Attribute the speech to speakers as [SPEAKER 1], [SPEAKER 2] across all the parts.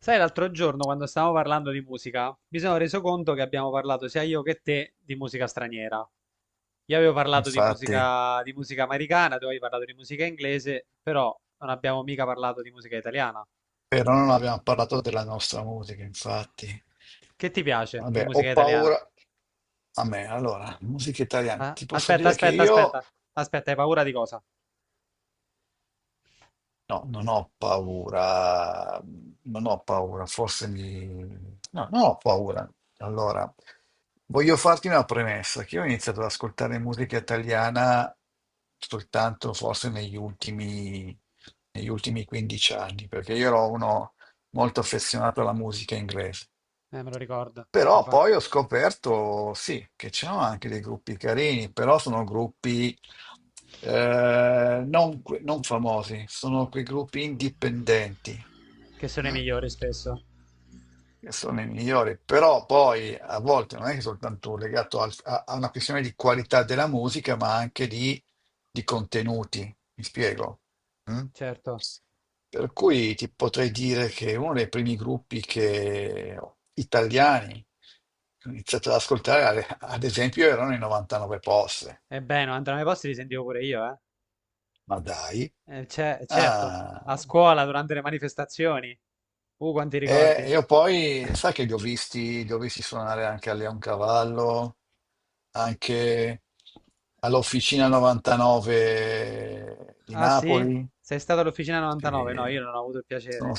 [SPEAKER 1] Sai, l'altro giorno quando stavamo parlando di musica, mi sono reso conto che abbiamo parlato sia io che te di musica straniera. Io avevo parlato
[SPEAKER 2] Infatti,
[SPEAKER 1] di musica americana, tu avevi parlato di musica inglese, però non abbiamo mica parlato di musica italiana.
[SPEAKER 2] però non abbiamo parlato della nostra musica, infatti.
[SPEAKER 1] Che ti piace di
[SPEAKER 2] Vabbè, ho
[SPEAKER 1] musica italiana?
[SPEAKER 2] paura. A me, allora, musica italiana.
[SPEAKER 1] Ah,
[SPEAKER 2] Ti posso
[SPEAKER 1] Aspetta,
[SPEAKER 2] dire che
[SPEAKER 1] aspetta,
[SPEAKER 2] io.
[SPEAKER 1] aspetta, aspetta, hai paura di cosa?
[SPEAKER 2] No, non ho paura, non ho paura, forse mi. No, non ho paura. Allora, voglio farti una premessa, che io ho iniziato ad ascoltare musica italiana soltanto forse negli ultimi 15 anni, perché io ero uno molto affezionato alla musica inglese.
[SPEAKER 1] Me lo ricordo,
[SPEAKER 2] Però
[SPEAKER 1] infatti,
[SPEAKER 2] poi ho scoperto, sì, che c'erano anche dei gruppi carini, però sono gruppi non famosi, sono quei gruppi indipendenti.
[SPEAKER 1] che sono i
[SPEAKER 2] Mm?
[SPEAKER 1] migliori spesso.
[SPEAKER 2] Che sono i migliori, però poi a volte non è che è soltanto legato a una questione di qualità della musica, ma anche di contenuti, mi spiego. Mm?
[SPEAKER 1] Certo,
[SPEAKER 2] Per cui ti potrei dire che uno dei primi gruppi che, italiani, che ho iniziato ad ascoltare, ad esempio, erano i 99 Posse.
[SPEAKER 1] e beh, non andranno ai posti li sentivo pure io, eh.
[SPEAKER 2] Ma dai.
[SPEAKER 1] Certo, a
[SPEAKER 2] Ah,
[SPEAKER 1] scuola durante le manifestazioni. Quanti
[SPEAKER 2] e
[SPEAKER 1] ricordi.
[SPEAKER 2] io poi, sai che li ho visti suonare anche a Leoncavallo, anche all'Officina 99 di
[SPEAKER 1] Ah sì?
[SPEAKER 2] Napoli.
[SPEAKER 1] Sei stato all'Officina 99? No,
[SPEAKER 2] Sì.
[SPEAKER 1] io non ho avuto il
[SPEAKER 2] Sono,
[SPEAKER 1] piacere.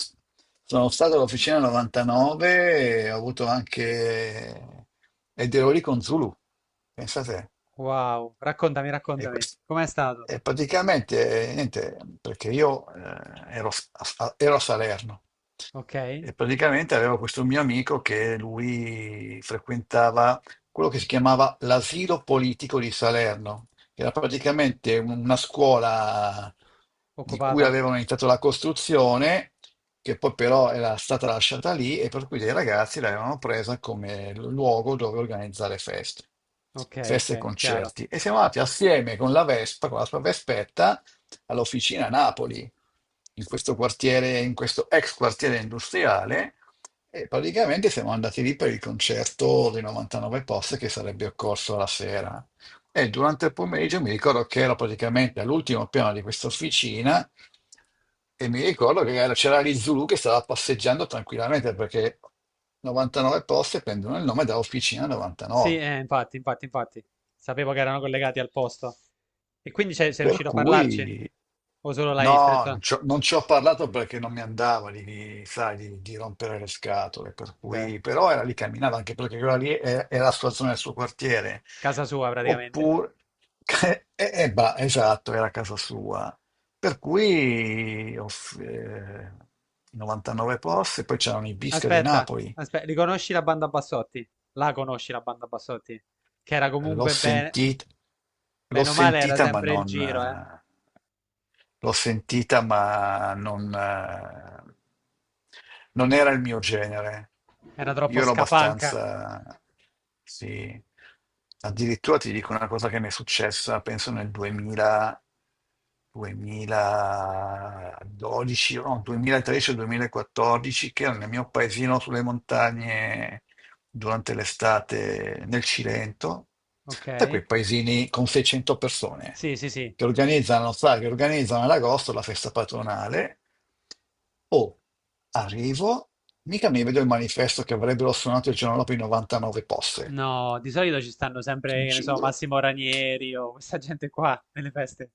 [SPEAKER 2] sono stato all'Officina 99 e ho avuto anche. Ed ero lì con Zulu, pensate.
[SPEAKER 1] Wow, raccontami,
[SPEAKER 2] E,
[SPEAKER 1] raccontami.
[SPEAKER 2] quest-
[SPEAKER 1] Com'è stato?
[SPEAKER 2] e praticamente, niente, perché io ero a Salerno
[SPEAKER 1] Ok,
[SPEAKER 2] e praticamente avevo questo mio amico che lui frequentava quello che si chiamava l'asilo politico di Salerno, che era praticamente una scuola di cui
[SPEAKER 1] occupata.
[SPEAKER 2] avevano iniziato la costruzione che poi però era stata lasciata lì e per cui dei ragazzi l'avevano presa come luogo dove organizzare feste,
[SPEAKER 1] Ok,
[SPEAKER 2] feste e
[SPEAKER 1] ok, chiaro.
[SPEAKER 2] concerti. E siamo andati assieme con la Vespa, con la sua Vespetta, all'officina a Napoli, in questo quartiere, in questo ex quartiere industriale, e praticamente siamo andati lì per il concerto dei 99 post che sarebbe occorso la sera. E durante il pomeriggio mi ricordo che ero praticamente all'ultimo piano di questa officina e mi ricordo che c'era lì Zulu che stava passeggiando tranquillamente perché 99 poste prendono il nome da Officina
[SPEAKER 1] Sì,
[SPEAKER 2] 99.
[SPEAKER 1] infatti, infatti, infatti. Sapevo che erano collegati al posto. E quindi sei
[SPEAKER 2] Per
[SPEAKER 1] riuscito a parlarci?
[SPEAKER 2] cui
[SPEAKER 1] O solo l'hai
[SPEAKER 2] no, non
[SPEAKER 1] stretto?
[SPEAKER 2] ci ho non ci ho parlato perché non mi andava sai, di rompere le scatole, per
[SPEAKER 1] Beh,
[SPEAKER 2] cui, però era lì, camminava anche perché quella lì è la sua zona, il suo quartiere.
[SPEAKER 1] casa sua praticamente.
[SPEAKER 2] Oppure, bah, esatto, era a casa sua. Per cui 99 posti, poi c'erano i Bisca di
[SPEAKER 1] Aspetta,
[SPEAKER 2] Napoli.
[SPEAKER 1] aspetta, riconosci la banda Bassotti? La conosci la banda Bassotti? Che era
[SPEAKER 2] L'ho
[SPEAKER 1] comunque bene,
[SPEAKER 2] sentita, l'ho
[SPEAKER 1] bene o male, era
[SPEAKER 2] sentita, ma
[SPEAKER 1] sempre il
[SPEAKER 2] non,
[SPEAKER 1] giro, eh?
[SPEAKER 2] eh, L'ho sentita, ma non, non era il mio genere.
[SPEAKER 1] Era
[SPEAKER 2] Io
[SPEAKER 1] troppo
[SPEAKER 2] ero
[SPEAKER 1] scapanca.
[SPEAKER 2] abbastanza, sì, addirittura ti dico una cosa che mi è successa, penso nel 2000, 2012, no, 2013 o 2014, che ero nel mio paesino sulle montagne durante l'estate nel Cilento, da quei
[SPEAKER 1] Ok?
[SPEAKER 2] paesini con 600 persone
[SPEAKER 1] Sì, sì, sì.
[SPEAKER 2] che organizzano, sa, che organizzano ad agosto la festa patronale. Oh, arrivo, mica mi vedo il manifesto che avrebbero suonato il giorno dopo i 99 posse.
[SPEAKER 1] No, di solito ci stanno
[SPEAKER 2] Ti
[SPEAKER 1] sempre, che ne so,
[SPEAKER 2] giuro.
[SPEAKER 1] Massimo Ranieri o questa gente qua nelle feste,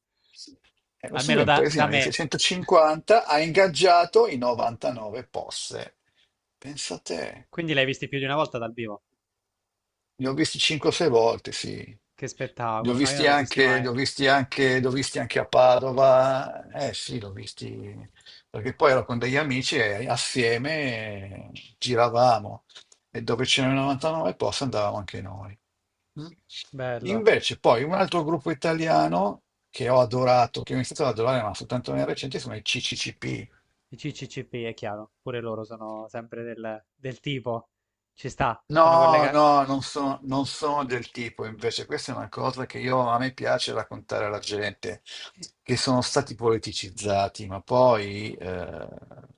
[SPEAKER 2] E questo qui
[SPEAKER 1] almeno
[SPEAKER 2] è un
[SPEAKER 1] da
[SPEAKER 2] paesino di
[SPEAKER 1] me.
[SPEAKER 2] 650, ha ingaggiato i 99 posse. Pensa a te.
[SPEAKER 1] Quindi l'hai visti più di una volta dal vivo.
[SPEAKER 2] Li ho visti 5-6 volte, sì.
[SPEAKER 1] Che
[SPEAKER 2] Li ho
[SPEAKER 1] spettacolo, no, io non
[SPEAKER 2] visti
[SPEAKER 1] l'ho visti
[SPEAKER 2] anche, li
[SPEAKER 1] mai.
[SPEAKER 2] ho visti anche, li ho visti anche a Padova. Eh sì, li ho visti perché poi ero con degli amici e assieme giravamo e dove c'erano 99 posti andavamo anche noi. Mm.
[SPEAKER 1] Bello.
[SPEAKER 2] Invece poi un altro gruppo italiano che ho adorato, che ho iniziato ad adorare, ma soltanto nel recente, sono i CCCP.
[SPEAKER 1] I CCCP è chiaro, pure loro sono sempre del tipo. Ci sta, sono
[SPEAKER 2] No,
[SPEAKER 1] collegati.
[SPEAKER 2] no, non sono del tipo, invece questa è una cosa che io, a me piace raccontare alla gente, che sono stati politicizzati, ma poi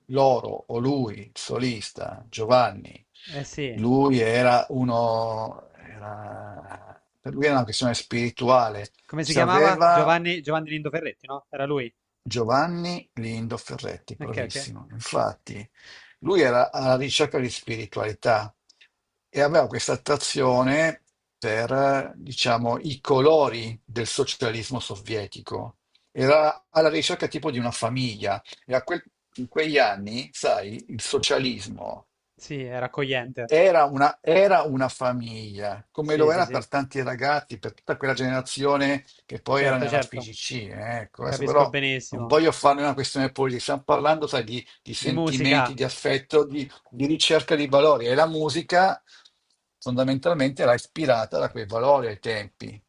[SPEAKER 2] loro o lui, il solista, Giovanni,
[SPEAKER 1] Eh sì.
[SPEAKER 2] lui era uno, era- per lui era una questione spirituale,
[SPEAKER 1] Come si chiamava?
[SPEAKER 2] sapeva.
[SPEAKER 1] Giovanni, Giovanni Lindo Ferretti, no? Era lui.
[SPEAKER 2] Giovanni Lindo Ferretti,
[SPEAKER 1] Ok, ok.
[SPEAKER 2] bravissimo. Infatti, lui era alla ricerca di spiritualità e aveva questa attrazione per, diciamo, i colori del socialismo sovietico. Era alla ricerca tipo di una famiglia e in quegli anni, sai, il socialismo.
[SPEAKER 1] Sì, era accogliente.
[SPEAKER 2] Era una famiglia, come
[SPEAKER 1] Sì,
[SPEAKER 2] lo
[SPEAKER 1] sì,
[SPEAKER 2] era
[SPEAKER 1] sì.
[SPEAKER 2] per tanti ragazzi, per tutta quella generazione che poi era
[SPEAKER 1] Certo,
[SPEAKER 2] nella
[SPEAKER 1] certo.
[SPEAKER 2] FIGC. Ecco, adesso
[SPEAKER 1] Capisco
[SPEAKER 2] però non
[SPEAKER 1] benissimo.
[SPEAKER 2] voglio farne una questione politica, stiamo parlando, sai, di
[SPEAKER 1] Di
[SPEAKER 2] sentimenti,
[SPEAKER 1] musica.
[SPEAKER 2] di affetto, di ricerca di valori e la musica fondamentalmente era ispirata da quei valori ai tempi.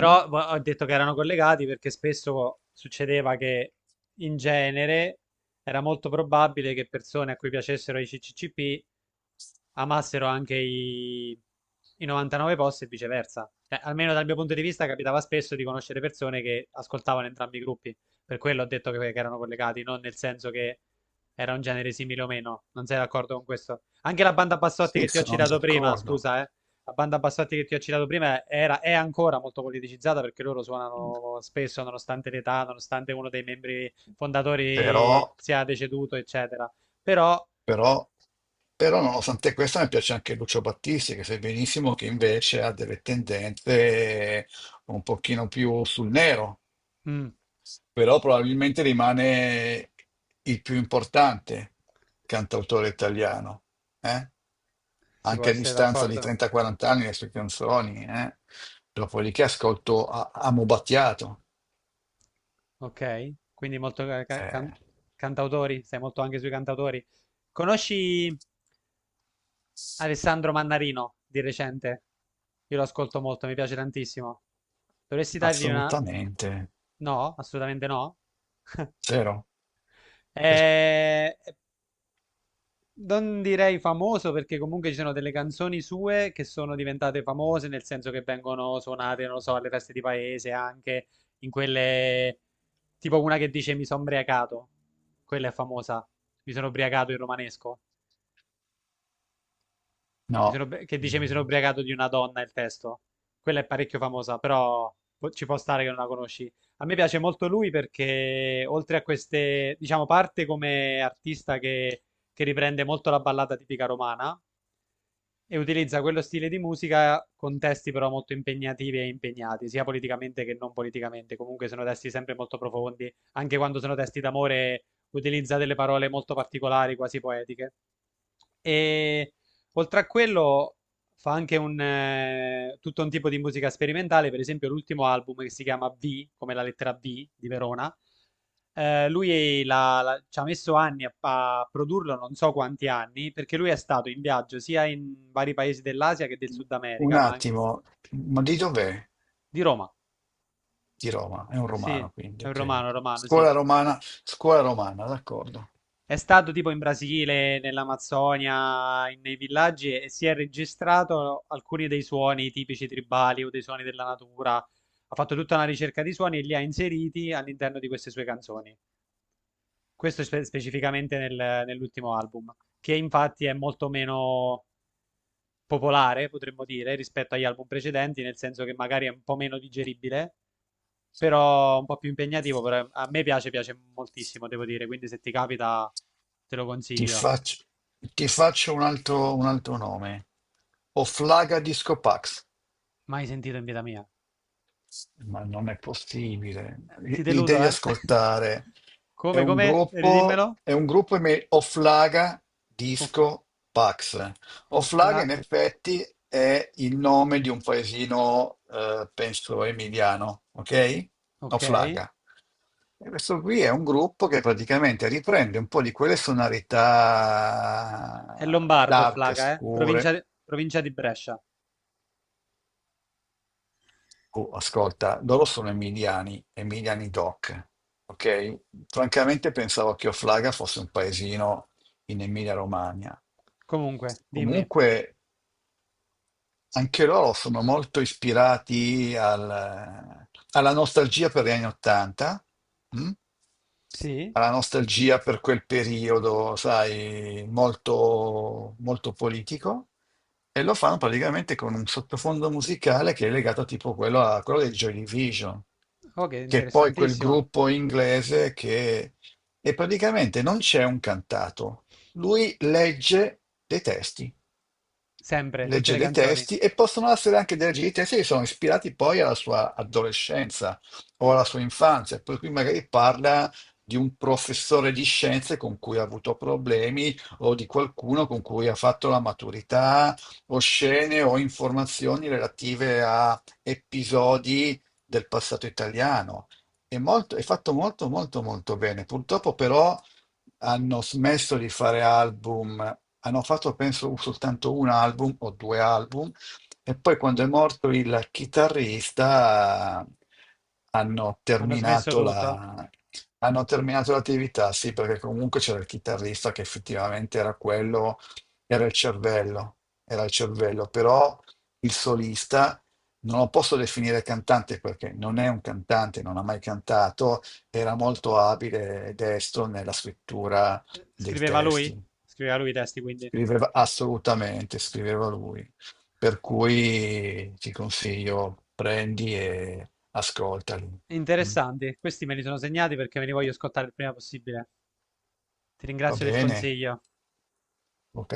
[SPEAKER 2] Mm?
[SPEAKER 1] vo- ho detto che erano collegati perché spesso succedeva che in genere era molto probabile che persone a cui piacessero i CCCP amassero anche i 99 post e viceversa. Beh, almeno dal mio punto di vista capitava spesso di conoscere persone che ascoltavano entrambi i gruppi, per quello ho detto che erano collegati, non nel senso che era un genere simile o meno, non sei d'accordo con questo? Anche la banda Bassotti
[SPEAKER 2] Sì,
[SPEAKER 1] che ti ho
[SPEAKER 2] sono
[SPEAKER 1] citato prima,
[SPEAKER 2] d'accordo,
[SPEAKER 1] scusa, eh. La banda Bassotti che ti ho citato prima era, è ancora molto politicizzata perché loro suonano spesso, nonostante l'età, nonostante uno dei membri
[SPEAKER 2] però
[SPEAKER 1] fondatori sia deceduto, eccetera. Però,
[SPEAKER 2] Però, però nonostante questo mi piace anche Lucio Battisti, che sai benissimo che invece ha delle tendenze un pochino più sul nero,
[SPEAKER 1] mm,
[SPEAKER 2] però probabilmente rimane il più importante cantautore italiano, eh?
[SPEAKER 1] si può
[SPEAKER 2] Anche a
[SPEAKER 1] essere
[SPEAKER 2] distanza di
[SPEAKER 1] d'accordo.
[SPEAKER 2] 30-40 anni le sue canzoni, eh? Dopodiché ascolto Amo Battiato.
[SPEAKER 1] Ok, quindi molto ca- ca- can-
[SPEAKER 2] eh,
[SPEAKER 1] cantautori, sei molto anche sui cantautori. Conosci Alessandro Mannarino di recente? Io lo ascolto molto, mi piace tantissimo. Dovresti dargli una...
[SPEAKER 2] assolutamente,
[SPEAKER 1] No, assolutamente no.
[SPEAKER 2] zero.
[SPEAKER 1] Eh, Non direi famoso perché comunque ci sono delle canzoni sue che sono diventate famose, nel senso che vengono suonate, non lo so, alle feste di paese, anche in quelle... tipo una che dice mi sono ubriacato, quella è famosa, mi sono ubriacato in romanesco.
[SPEAKER 2] No,
[SPEAKER 1] Che dice mi sono ubriacato di una donna, il testo. Quella è parecchio famosa, però po- ci può stare che non la conosci. A me piace molto lui perché oltre a queste, diciamo, parte come artista che riprende molto la ballata tipica romana e utilizza quello stile di musica con testi però molto impegnativi e impegnati, sia politicamente che non politicamente. Comunque sono testi sempre molto profondi, anche quando sono testi d'amore utilizza delle parole molto particolari, quasi poetiche. E oltre a quello fa anche tutto un tipo di musica sperimentale, per esempio l'ultimo album che si chiama V, come la lettera V di Verona. Lui ci ha messo anni a produrlo, non so quanti anni, perché lui è stato in viaggio sia in vari paesi dell'Asia che del Sud
[SPEAKER 2] un
[SPEAKER 1] America, ma anche
[SPEAKER 2] attimo, ma di dov'è?
[SPEAKER 1] di Roma.
[SPEAKER 2] Di Roma, è un
[SPEAKER 1] Sì,
[SPEAKER 2] romano, quindi,
[SPEAKER 1] è un
[SPEAKER 2] ok.
[SPEAKER 1] romano, romano, sì.
[SPEAKER 2] Scuola romana, scuola romana, d'accordo.
[SPEAKER 1] È stato tipo in Brasile, nell'Amazzonia, nei villaggi e si è registrato alcuni dei suoni tipici tribali o dei suoni della natura. Ha fatto tutta una ricerca di suoni e li ha inseriti all'interno di queste sue canzoni. Questo specificamente nell'ultimo album, che infatti è molto meno popolare, potremmo dire, rispetto agli album precedenti, nel senso che magari è un po' meno digeribile, però un po' più impegnativo, però a me piace, piace moltissimo, devo dire, quindi se ti capita te lo
[SPEAKER 2] Ti
[SPEAKER 1] consiglio.
[SPEAKER 2] faccio, ti faccio un altro nome. Oflaga Discopax.
[SPEAKER 1] Mai sentito in vita mia.
[SPEAKER 2] Ma non è possibile,
[SPEAKER 1] Ti
[SPEAKER 2] li
[SPEAKER 1] deludo,
[SPEAKER 2] devi
[SPEAKER 1] eh?
[SPEAKER 2] ascoltare. È
[SPEAKER 1] Come,
[SPEAKER 2] un
[SPEAKER 1] come?
[SPEAKER 2] gruppo,
[SPEAKER 1] Ridimmelo.
[SPEAKER 2] è un gruppo Offlaga
[SPEAKER 1] Of-
[SPEAKER 2] Disco Pax.
[SPEAKER 1] Ofla...
[SPEAKER 2] Offlaga in effetti è il nome di un paesino, penso, emiliano, ok?
[SPEAKER 1] Ok. È
[SPEAKER 2] Offlaga. E questo qui è un gruppo che praticamente riprende un po' di quelle sonorità
[SPEAKER 1] Lombardo,
[SPEAKER 2] dark,
[SPEAKER 1] Flaga, eh?
[SPEAKER 2] scure.
[SPEAKER 1] Provincia di Brescia.
[SPEAKER 2] Oh, ascolta, loro sono emiliani, emiliani doc, ok? Francamente pensavo che Offlaga fosse un paesino in Emilia-Romagna.
[SPEAKER 1] Comunque, dimmi.
[SPEAKER 2] Comunque anche loro sono molto ispirati alla nostalgia per gli anni Ottanta. Mm?
[SPEAKER 1] Sì?
[SPEAKER 2] Alla nostalgia per quel periodo, sai, molto, molto politico, e lo fanno praticamente con un sottofondo musicale che è legato tipo quello a quello dei Joy Division,
[SPEAKER 1] Oh, che
[SPEAKER 2] che è poi quel
[SPEAKER 1] interessantissimo.
[SPEAKER 2] gruppo inglese che e praticamente non c'è un cantato, lui legge dei testi
[SPEAKER 1] Sempre, tutte
[SPEAKER 2] legge
[SPEAKER 1] le
[SPEAKER 2] dei
[SPEAKER 1] canzoni.
[SPEAKER 2] testi e possono essere anche dei leggi dei testi che sono ispirati poi alla sua adolescenza o alla sua infanzia, per cui magari parla di un professore di scienze con cui ha avuto problemi o di qualcuno con cui ha fatto la maturità o scene o informazioni relative a episodi del passato italiano. È fatto molto molto molto bene. Purtroppo però hanno smesso di fare album. Hanno fatto, penso, soltanto un album o due album, e poi quando è morto il chitarrista hanno
[SPEAKER 1] Hanno smesso
[SPEAKER 2] terminato
[SPEAKER 1] tutto.
[SPEAKER 2] la- hanno terminato l'attività, sì, perché comunque c'era il chitarrista che effettivamente era quello, era il cervello, era il cervello, però il solista non lo posso definire cantante perché non è un cantante, non ha mai cantato, era molto abile e destro nella scrittura dei
[SPEAKER 1] Scriveva lui?
[SPEAKER 2] testi.
[SPEAKER 1] Scriveva lui i testi, quindi.
[SPEAKER 2] Scriveva assolutamente, scriveva lui. Per cui ti consiglio, prendi e ascoltali. Mm?
[SPEAKER 1] Interessanti. Questi me li sono segnati perché me li voglio ascoltare il prima possibile. Ti
[SPEAKER 2] Va
[SPEAKER 1] ringrazio del
[SPEAKER 2] bene?
[SPEAKER 1] consiglio.
[SPEAKER 2] Ok.